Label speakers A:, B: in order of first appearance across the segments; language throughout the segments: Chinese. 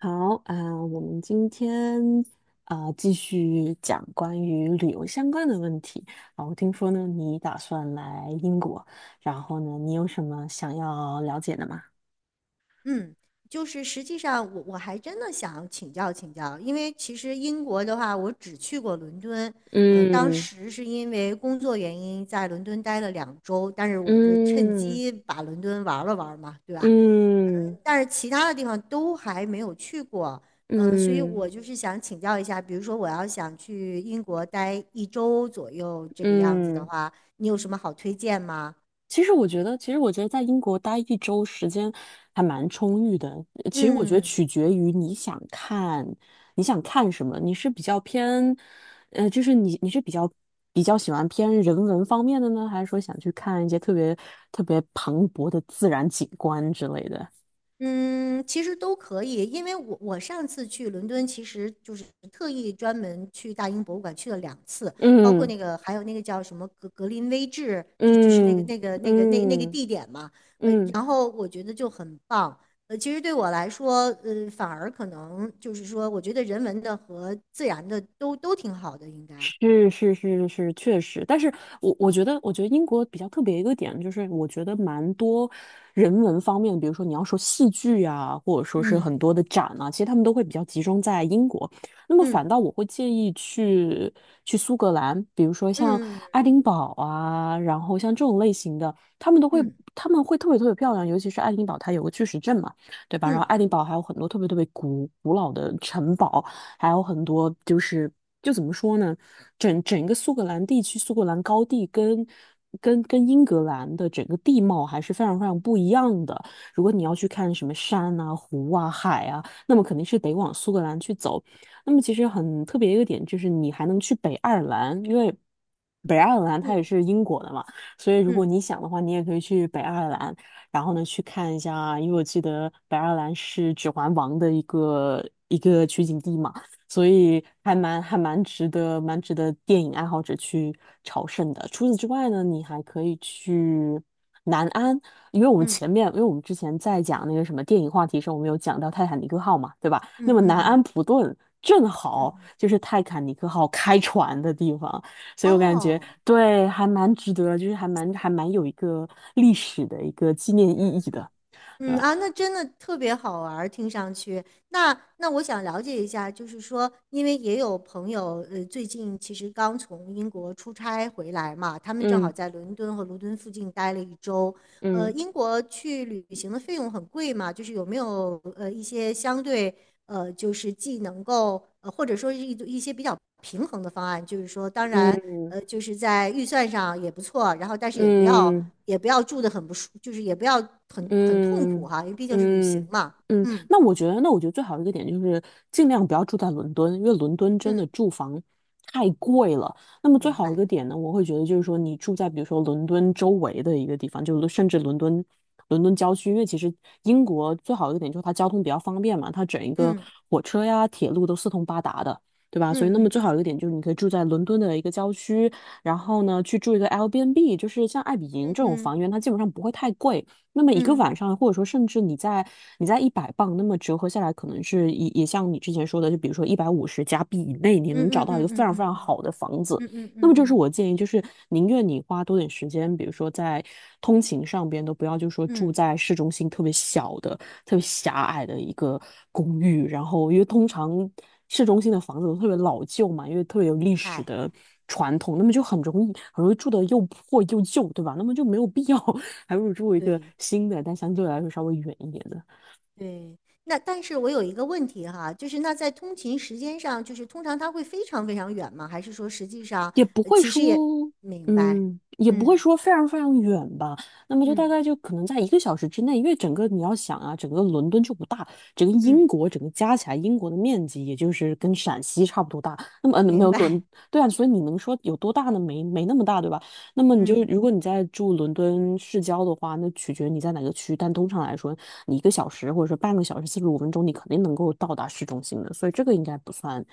A: 好啊，我们今天啊，继续讲关于旅游相关的问题啊。我听说呢，你打算来英国，然后呢，你有什么想要了解的吗？
B: 嗯，就是实际上我还真的想请教请教，因为其实英国的话，我只去过伦敦。当时是因为工作原因在伦敦待了两周，但是我就趁
A: 嗯
B: 机把伦敦玩了玩嘛，对吧？
A: 嗯嗯
B: 但是其他的地方都还没有去过。所以
A: 嗯。嗯
B: 我就是想请教一下，比如说我要想去英国待一周左右这个样子的
A: 嗯。
B: 话，你有什么好推荐吗？
A: 其实我觉得在英国待1周时间还蛮充裕的。其实我觉得
B: 嗯
A: 取决于你想看什么。你是比较偏，呃，你是比较喜欢偏人文方面的呢，还是说想去看一些特别特别磅礴的自然景观之类的？
B: 嗯，其实都可以。因为我上次去伦敦，其实就是特意专门去大英博物馆去了两次，包括那个还有那个叫什么格林威治，就是那个
A: 嗯
B: 那个
A: 嗯
B: 那个那那个
A: 嗯。
B: 地点嘛。
A: 嗯
B: 然
A: 嗯。
B: 后我觉得就很棒。其实对我来说，反而可能就是说，我觉得人文的和自然的都挺好的，应该。
A: 是是是是，确实，但是我觉得英国比较特别一个点就是，我觉得蛮多人文方面，比如说你要说戏剧啊，或者说是很
B: 嗯
A: 多的展啊，其实他们都会比较集中在英国。那么反
B: 嗯
A: 倒我会建议去苏格兰，比如说像
B: 嗯
A: 爱丁堡啊，然后像这种类型的，他们都会
B: 嗯
A: 他们会特别特别漂亮，尤其是爱丁堡，它有个巨石阵嘛，对吧？然后
B: 嗯
A: 爱丁堡还有很多特别特别古老的城堡。还有很多就是就怎么说呢，整个苏格兰地区，苏格兰高地跟英格兰的整个地貌还是非常非常不一样的。如果你要去看什么山啊、湖啊、海啊，那么肯定是得往苏格兰去走。那么其实很特别一个点就是，你还能去北爱尔兰，因为北爱尔兰它也
B: 嗯
A: 是英国的嘛，所以如果
B: 嗯
A: 你想的话，你也可以去北爱尔兰，然后呢去看一下，因为我记得北爱尔兰是《指环王》的一个取景地嘛。所以还蛮还蛮值得，蛮值得电影爱好者去朝圣的。除此之外呢，你还可以去南安，因为我们
B: 嗯
A: 前面，因为我们之前在讲那个什么电影话题时候，我们有讲到《泰坦尼克号》嘛，对吧？
B: 嗯
A: 那
B: 嗯
A: 么
B: 嗯
A: 南
B: 嗯
A: 安
B: 嗯，
A: 普顿正好
B: 嗯
A: 就是泰坦尼克号开船的地方，所以我感觉
B: 哦。
A: 对，还蛮值得，就是还蛮有一个历史的一个纪念意义的，对
B: 嗯
A: 吧？
B: 啊，那真的特别好玩儿，听上去。那我想了解一下，就是说，因为也有朋友，最近其实刚从英国出差回来嘛，他们正好
A: 嗯
B: 在伦敦和伦敦附近待了一周。
A: 嗯
B: 英国去旅行的费用很贵嘛，就是有没有一些相对，就是既能够，或者说是一些比较平衡的方案。就是说，当然，
A: 嗯
B: 就是在预算上也不错，然后但是也不要
A: 嗯。
B: 也不要住的很不舒，就是也不要很痛苦
A: 嗯
B: 哈，因为毕竟是旅行
A: 嗯
B: 嘛。
A: 嗯。
B: 嗯
A: 那我觉得最好的一个点就是尽量不要住在伦敦，因为伦敦真
B: 嗯，
A: 的住房太贵了。那么最
B: 明
A: 好一
B: 白。
A: 个点呢，我会觉得就是说你住在比如说伦敦周围的一个地方，就是甚至伦敦郊区，因为其实英国最好的一个点就是它交通比较方便嘛，它整一个
B: 嗯
A: 火车呀、铁路都四通八达的。对吧？
B: 嗯
A: 所以，那么最
B: 嗯
A: 好一个点就是你可以住在伦敦的一个郊区，然后呢，去住一个 Airbnb，就是像爱比迎
B: 嗯
A: 这种
B: 嗯
A: 房源，它基本上不会太贵。那么一个
B: 嗯
A: 晚上，或者说甚至你在100磅，那么折合下来，可能是也像你之前说的，就比如说150加币以内，你
B: 嗯
A: 能找
B: 嗯
A: 到一个
B: 嗯嗯
A: 非常非
B: 嗯
A: 常
B: 嗯
A: 好的房子。
B: 嗯嗯嗯
A: 那
B: 嗯
A: 么这是
B: 嗯，
A: 我建议，就是宁愿你花多点时间，比如说在通勤上边，都不要就说住
B: 嗯
A: 在市中心特别小的，特别狭隘的一个公寓，然后因为通常市中心的房子都特别老旧嘛，因为特别有
B: 明
A: 历史
B: 白。
A: 的传统，那么就很容易住的又破又旧，对吧？那么就没有必要 还不如住一个
B: 对。
A: 新的，但相对来说稍微远一点的。
B: 对，那但是我有一个问题哈，就是那在通勤时间上，就是通常它会非常非常远吗？还是说实际上，
A: 也不会
B: 其实也
A: 说，
B: 明白。
A: 嗯，也不会
B: 嗯
A: 说非常非常远吧。那么就大
B: 嗯
A: 概就可能在一个小时之内，因为整个你要想啊，整个伦敦就不大，整个英
B: 嗯，
A: 国整个加起来，英国的面积也就是跟陕西差不多大。那么嗯，没
B: 明
A: 有
B: 白。
A: 伦，对啊，所以你能说有多大呢？没那么大，对吧？那么你就
B: 嗯
A: 如果你在住伦敦市郊的话，那取决你在哪个区，但通常来说，你一个小时或者说半个小时45分钟，你肯定能够到达市中心的，所以这个应该不算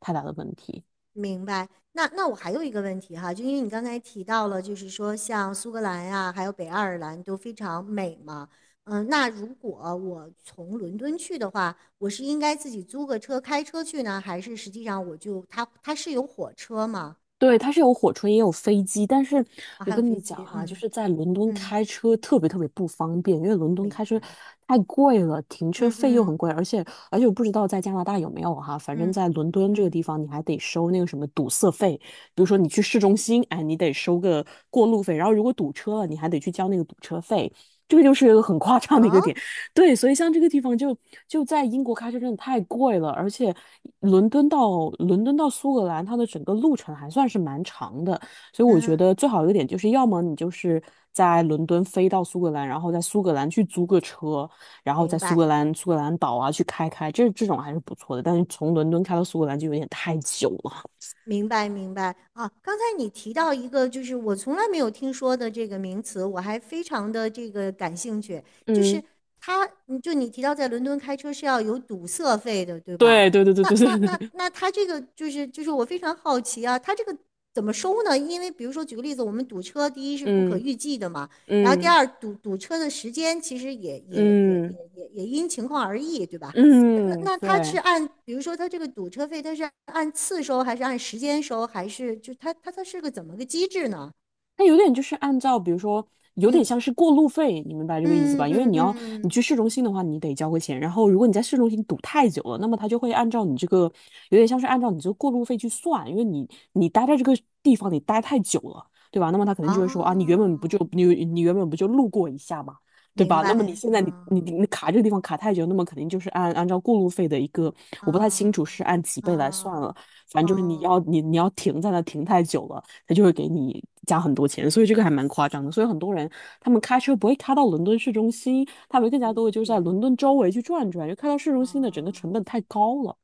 A: 太大的问题。
B: 明白。那我还有一个问题哈，就因为你刚才提到了，就是说像苏格兰呀、还有北爱尔兰都非常美嘛。那如果我从伦敦去的话，我是应该自己租个车开车去呢，还是实际上我就它是有火车吗？
A: 对，它是有火车也有飞机，但是
B: 啊，
A: 我
B: 还有
A: 跟
B: 飞
A: 你讲
B: 机，
A: 哈，就
B: 嗯。
A: 是在伦敦
B: 嗯
A: 开车特别特别不方便，因为伦敦
B: 明
A: 开车
B: 白。
A: 太贵了，停车
B: 嗯
A: 费又
B: 嗯
A: 很贵，而且我不知道在加拿大有没有哈，反正
B: 嗯
A: 在伦敦这个地
B: 嗯，
A: 方你还得收那个什么堵塞费，比如说你去市中心，哎，你得收个过路费，然后如果堵车了，你还得去交那个堵车费，这个就是一个很夸张的一个
B: 哦，
A: 点。对，所以像这个地方就在英国开车真的太贵了，而且伦敦到苏格兰，它的整个路程还算是蛮长的，所以我觉
B: 嗯
A: 得最好一个点就是，要么你就是在伦敦飞到苏格兰，然后在苏格兰去租个车，然后在
B: 明
A: 苏
B: 白。
A: 格兰苏格兰岛啊去开开，这种还是不错的，但是从伦敦开到苏格兰就有点太久了。
B: 明白，明白啊！刚才你提到一个，就是我从来没有听说的这个名词，我还非常的这个感兴趣。就
A: 嗯，
B: 是他，你提到在伦敦开车是要有堵塞费的，对吧？
A: 对对对对
B: 那
A: 对
B: 那
A: 对
B: 那
A: 对。
B: 那他这个就是我非常好奇啊，他这个怎么收呢？因为比如说举个例子，我们堵车，第一是不可
A: 嗯
B: 预计的嘛，然后第
A: 嗯
B: 二堵车的时间其实也也也
A: 嗯
B: 也也也因情况而异，对吧？那
A: 嗯嗯。
B: 那他是
A: 对。
B: 按，比如说他这个堵车费，他是按次收还是按时间收，还是就他是个怎么个机制呢？
A: 它有点就是按照，比如说，有点
B: 嗯
A: 像是过路费，你明白这个意思吧？
B: 嗯
A: 因为
B: 嗯
A: 你要你
B: 嗯，
A: 去市中心的话，你得交个钱，然后如果你在市中心堵太久了，那么他就会按照你这个，有点像是按照你这个过路费去算，因为你待在这个地方你待太久了，对吧？那么他可能就会说啊，你原本不就
B: 哦，
A: 你你原本不就路过一下嘛，对
B: 明
A: 吧？那么你
B: 白，
A: 现在你
B: 啊
A: 你你卡这个地方卡太久，那么肯定就是按照过路费的一个，我不太清
B: 啊
A: 楚是按几倍来算了，
B: 啊
A: 反正就是你要
B: 哦，
A: 你你要停在那停太久了。他就会给你加很多钱，所以这个还蛮夸张的。所以很多人他们开车不会开到伦敦市中心，他们更加
B: 理
A: 多的就是在
B: 解，
A: 伦敦周围去转转，就开到市中心的整个成
B: 哦，
A: 本太高了。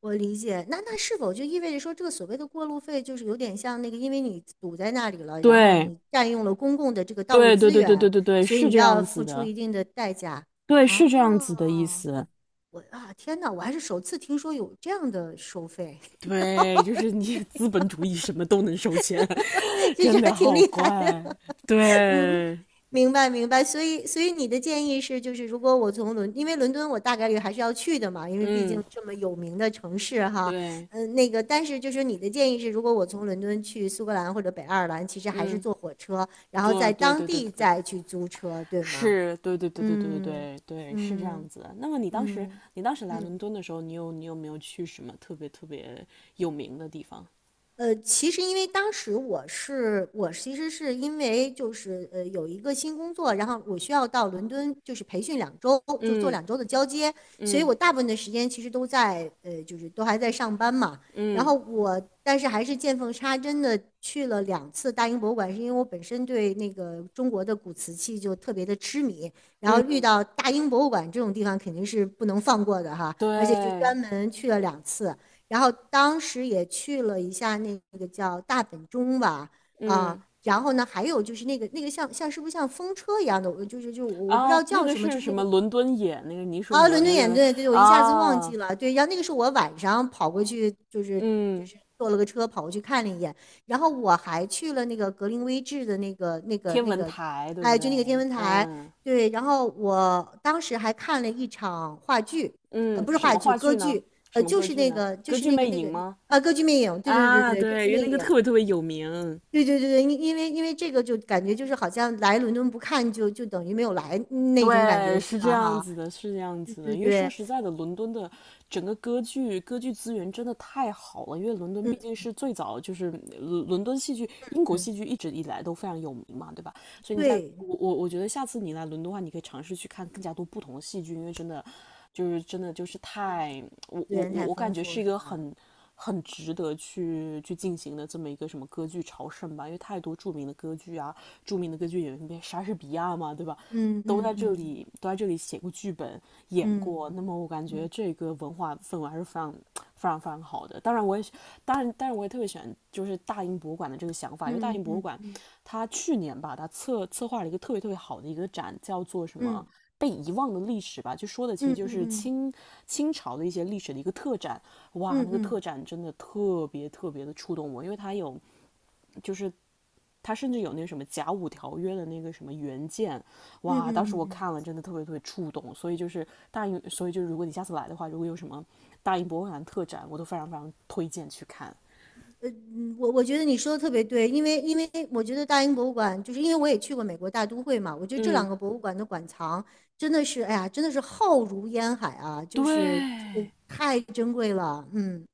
B: 我理解。那是否就意味着说，这个所谓的过路费，就是有点像那个，因为你堵在那里了，然后
A: 对，
B: 你占用了公共的这个道路
A: 对，对，
B: 资
A: 对，对，对，
B: 源，
A: 对，对，
B: 所以
A: 是
B: 你
A: 这
B: 就要
A: 样子
B: 付出
A: 的，
B: 一定的代价。
A: 对，是这样子的意
B: 哦，
A: 思。
B: 我啊，天哪，我还是首次听说有这样的收费。
A: 对，就是你资本主义什么都能收钱，
B: 其实
A: 真
B: 还
A: 的
B: 挺
A: 好
B: 厉害
A: 怪。
B: 的。
A: 对，
B: 明白，明白。所以，所以你的建议是，就是如果我从伦，因为伦敦我大概率还是要去的嘛，因为毕竟
A: 嗯，
B: 这么有名的城市哈。
A: 对，
B: 嗯，那个，但是就是你的建议是，如果我从伦敦去苏格兰或者北爱尔兰，其实还是
A: 嗯，
B: 坐火车，然后在
A: 对，
B: 当
A: 对，对，
B: 地
A: 对，对。
B: 再去租车，对吗？
A: 是，对对对对对对
B: 嗯
A: 对对，是这样
B: 嗯
A: 子的，那么你当时，
B: 嗯
A: 你当时来伦
B: 嗯。
A: 敦的时候，你有没有去什么特别特别有名的地方？
B: 其实因为当时我其实是因为就是有一个新工作，然后我需要到伦敦就是培训两周，就是做
A: 嗯
B: 两周的交接，所以
A: 嗯
B: 我大部分的时间其实都在就是都还在上班嘛。然
A: 嗯
B: 后我但是还是见缝插针的去了两次大英博物馆，是因为我本身对那个中国的古瓷器就特别的痴迷。然后遇
A: 嗯。
B: 到大英博物馆这种地方肯定是不能放过的哈，而且就
A: 对。
B: 专门去了两次。然后当时也去了一下那个叫大本钟吧。
A: 嗯
B: 然后呢，还有就是那个像是不是像风车一样的，就是我不知
A: 啊，
B: 道
A: 那
B: 叫
A: 个
B: 什么，
A: 是
B: 就是
A: 什
B: 那
A: 么？
B: 个，
A: 伦敦眼，那个泥塑
B: 啊，
A: 模，
B: 伦敦
A: 有
B: 眼
A: 点
B: 对对，我一下子忘
A: 啊，
B: 记了。对，然后那个是我晚上跑过去，就是就
A: 嗯，
B: 是坐了个车跑过去看了一眼。然后我还去了那个格林威治的那个那个
A: 天
B: 那
A: 文
B: 个，
A: 台，对不
B: 哎，
A: 对？
B: 就那个天文台。
A: 嗯
B: 对，然后我当时还看了一场话剧，
A: 嗯。
B: 不是
A: 什
B: 话
A: 么
B: 剧，
A: 话
B: 歌
A: 剧呢？
B: 剧。
A: 什么
B: 就
A: 歌
B: 是
A: 剧
B: 那
A: 呢？
B: 个就
A: 歌
B: 是
A: 剧
B: 那
A: 魅
B: 个那
A: 影
B: 个
A: 吗？
B: 啊，歌剧魅影。对对对
A: 啊，
B: 对，歌
A: 对，
B: 剧
A: 因为
B: 魅
A: 那个
B: 影。
A: 特别特别有名。
B: 对对对对，因为这个就感觉就是好像来伦敦不看就等于没有来那种感觉
A: 对，
B: 似
A: 是
B: 的
A: 这样
B: 哈。
A: 子的，是这样
B: 对
A: 子的。
B: 对
A: 因为说
B: 对。
A: 实在的，伦敦的整个歌剧资源真的太好了。因为伦敦
B: 嗯。
A: 毕竟是最早，就是伦敦戏剧、英国
B: 嗯，
A: 戏剧一直以来都非常有名嘛，对吧？所以你在
B: 对，
A: 我我我觉得下次你来伦敦的话，你可以尝试去看更加多不同的戏剧，因为真的就是我
B: 资
A: 我
B: 源
A: 我
B: 太
A: 我感
B: 丰
A: 觉是
B: 富
A: 一
B: 是
A: 个
B: 吧？
A: 很值得去进行的这么一个什么歌剧朝圣吧，因为太多著名的歌剧啊，著名的歌剧演员，莎士比亚嘛，对吧？
B: 嗯
A: 都在
B: 嗯
A: 这
B: 嗯
A: 里都在这里写过剧本、演过，
B: 嗯
A: 那么我感觉
B: 嗯
A: 这个文化氛围还是非常、非常、非常好的。当然我也特别喜欢就是大英博物馆的这个想法，因为大
B: 嗯
A: 英博物
B: 嗯
A: 馆
B: 嗯
A: 它去年吧，它策划了一个特别特别好的一个展，叫做什么？
B: 嗯
A: 被遗忘的历史吧，就说的其
B: 嗯
A: 实就
B: 嗯
A: 是
B: 嗯
A: 清朝的一些历史的一个特展，哇，
B: 嗯
A: 那个特
B: 嗯
A: 展真的特别特别的触动我，因为它有就是他甚至有那什么甲午条约的那个什么原件，
B: 嗯嗯
A: 哇，当时
B: 嗯，
A: 我看了真的特别特别触动。所以就是如果你下次来的话，如果有什么大英博物馆特展，我都非常非常推荐去看。
B: 我觉得你说的特别对，因为我觉得大英博物馆，就是因为我也去过美国大都会嘛，我觉得这
A: 嗯，
B: 两个博物馆的馆藏真的是，哎呀，真的是浩如烟海啊，就
A: 对，
B: 是这个太珍贵了。嗯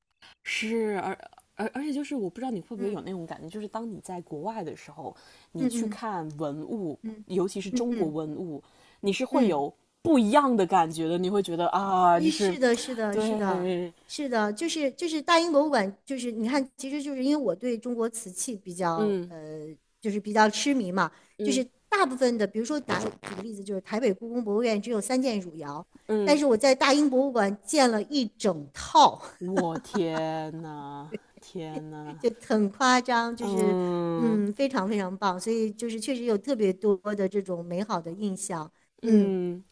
A: 是，而且就是我不知道你会不会有
B: 嗯
A: 那种感觉，就是当你在国外的时候，你去
B: 嗯
A: 看文物，
B: 嗯
A: 尤其是
B: 嗯
A: 中
B: 嗯
A: 国
B: 嗯
A: 文物，你是会
B: 嗯。
A: 有不一样的感觉的，你会觉得啊，就是
B: 是的，是的，是的，
A: 对。
B: 是的，就是大英博物馆，就是你看，其实就是因为我对中国瓷器比较，
A: 嗯
B: 就是比较痴迷嘛。就
A: 嗯
B: 是大部分的，比如说举个例子，就是台北故宫博物院只有3件汝窑，但
A: 嗯。
B: 是我在大英博物馆见了一整套。
A: 我天呐，天 呐。
B: 就很夸张，就是
A: 嗯
B: 非常非常棒。所以就是确实有特别多的这种美好的印象。嗯。
A: 嗯。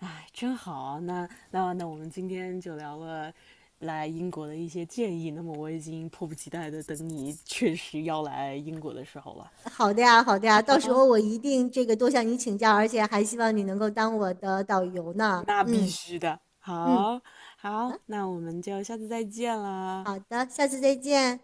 A: 哎，真好啊，那我们今天就聊了来英国的一些建议。那么我已经迫不及待的等你确实要来英国的时候了
B: 好的呀，好的呀，到时
A: 啊！
B: 候我一定这个多向你请教，而且还希望你能够当我的导游呢。
A: 那必
B: 嗯
A: 须的。
B: 嗯，
A: 好，好，那我们就下次再见啦。
B: 好的，下次再见。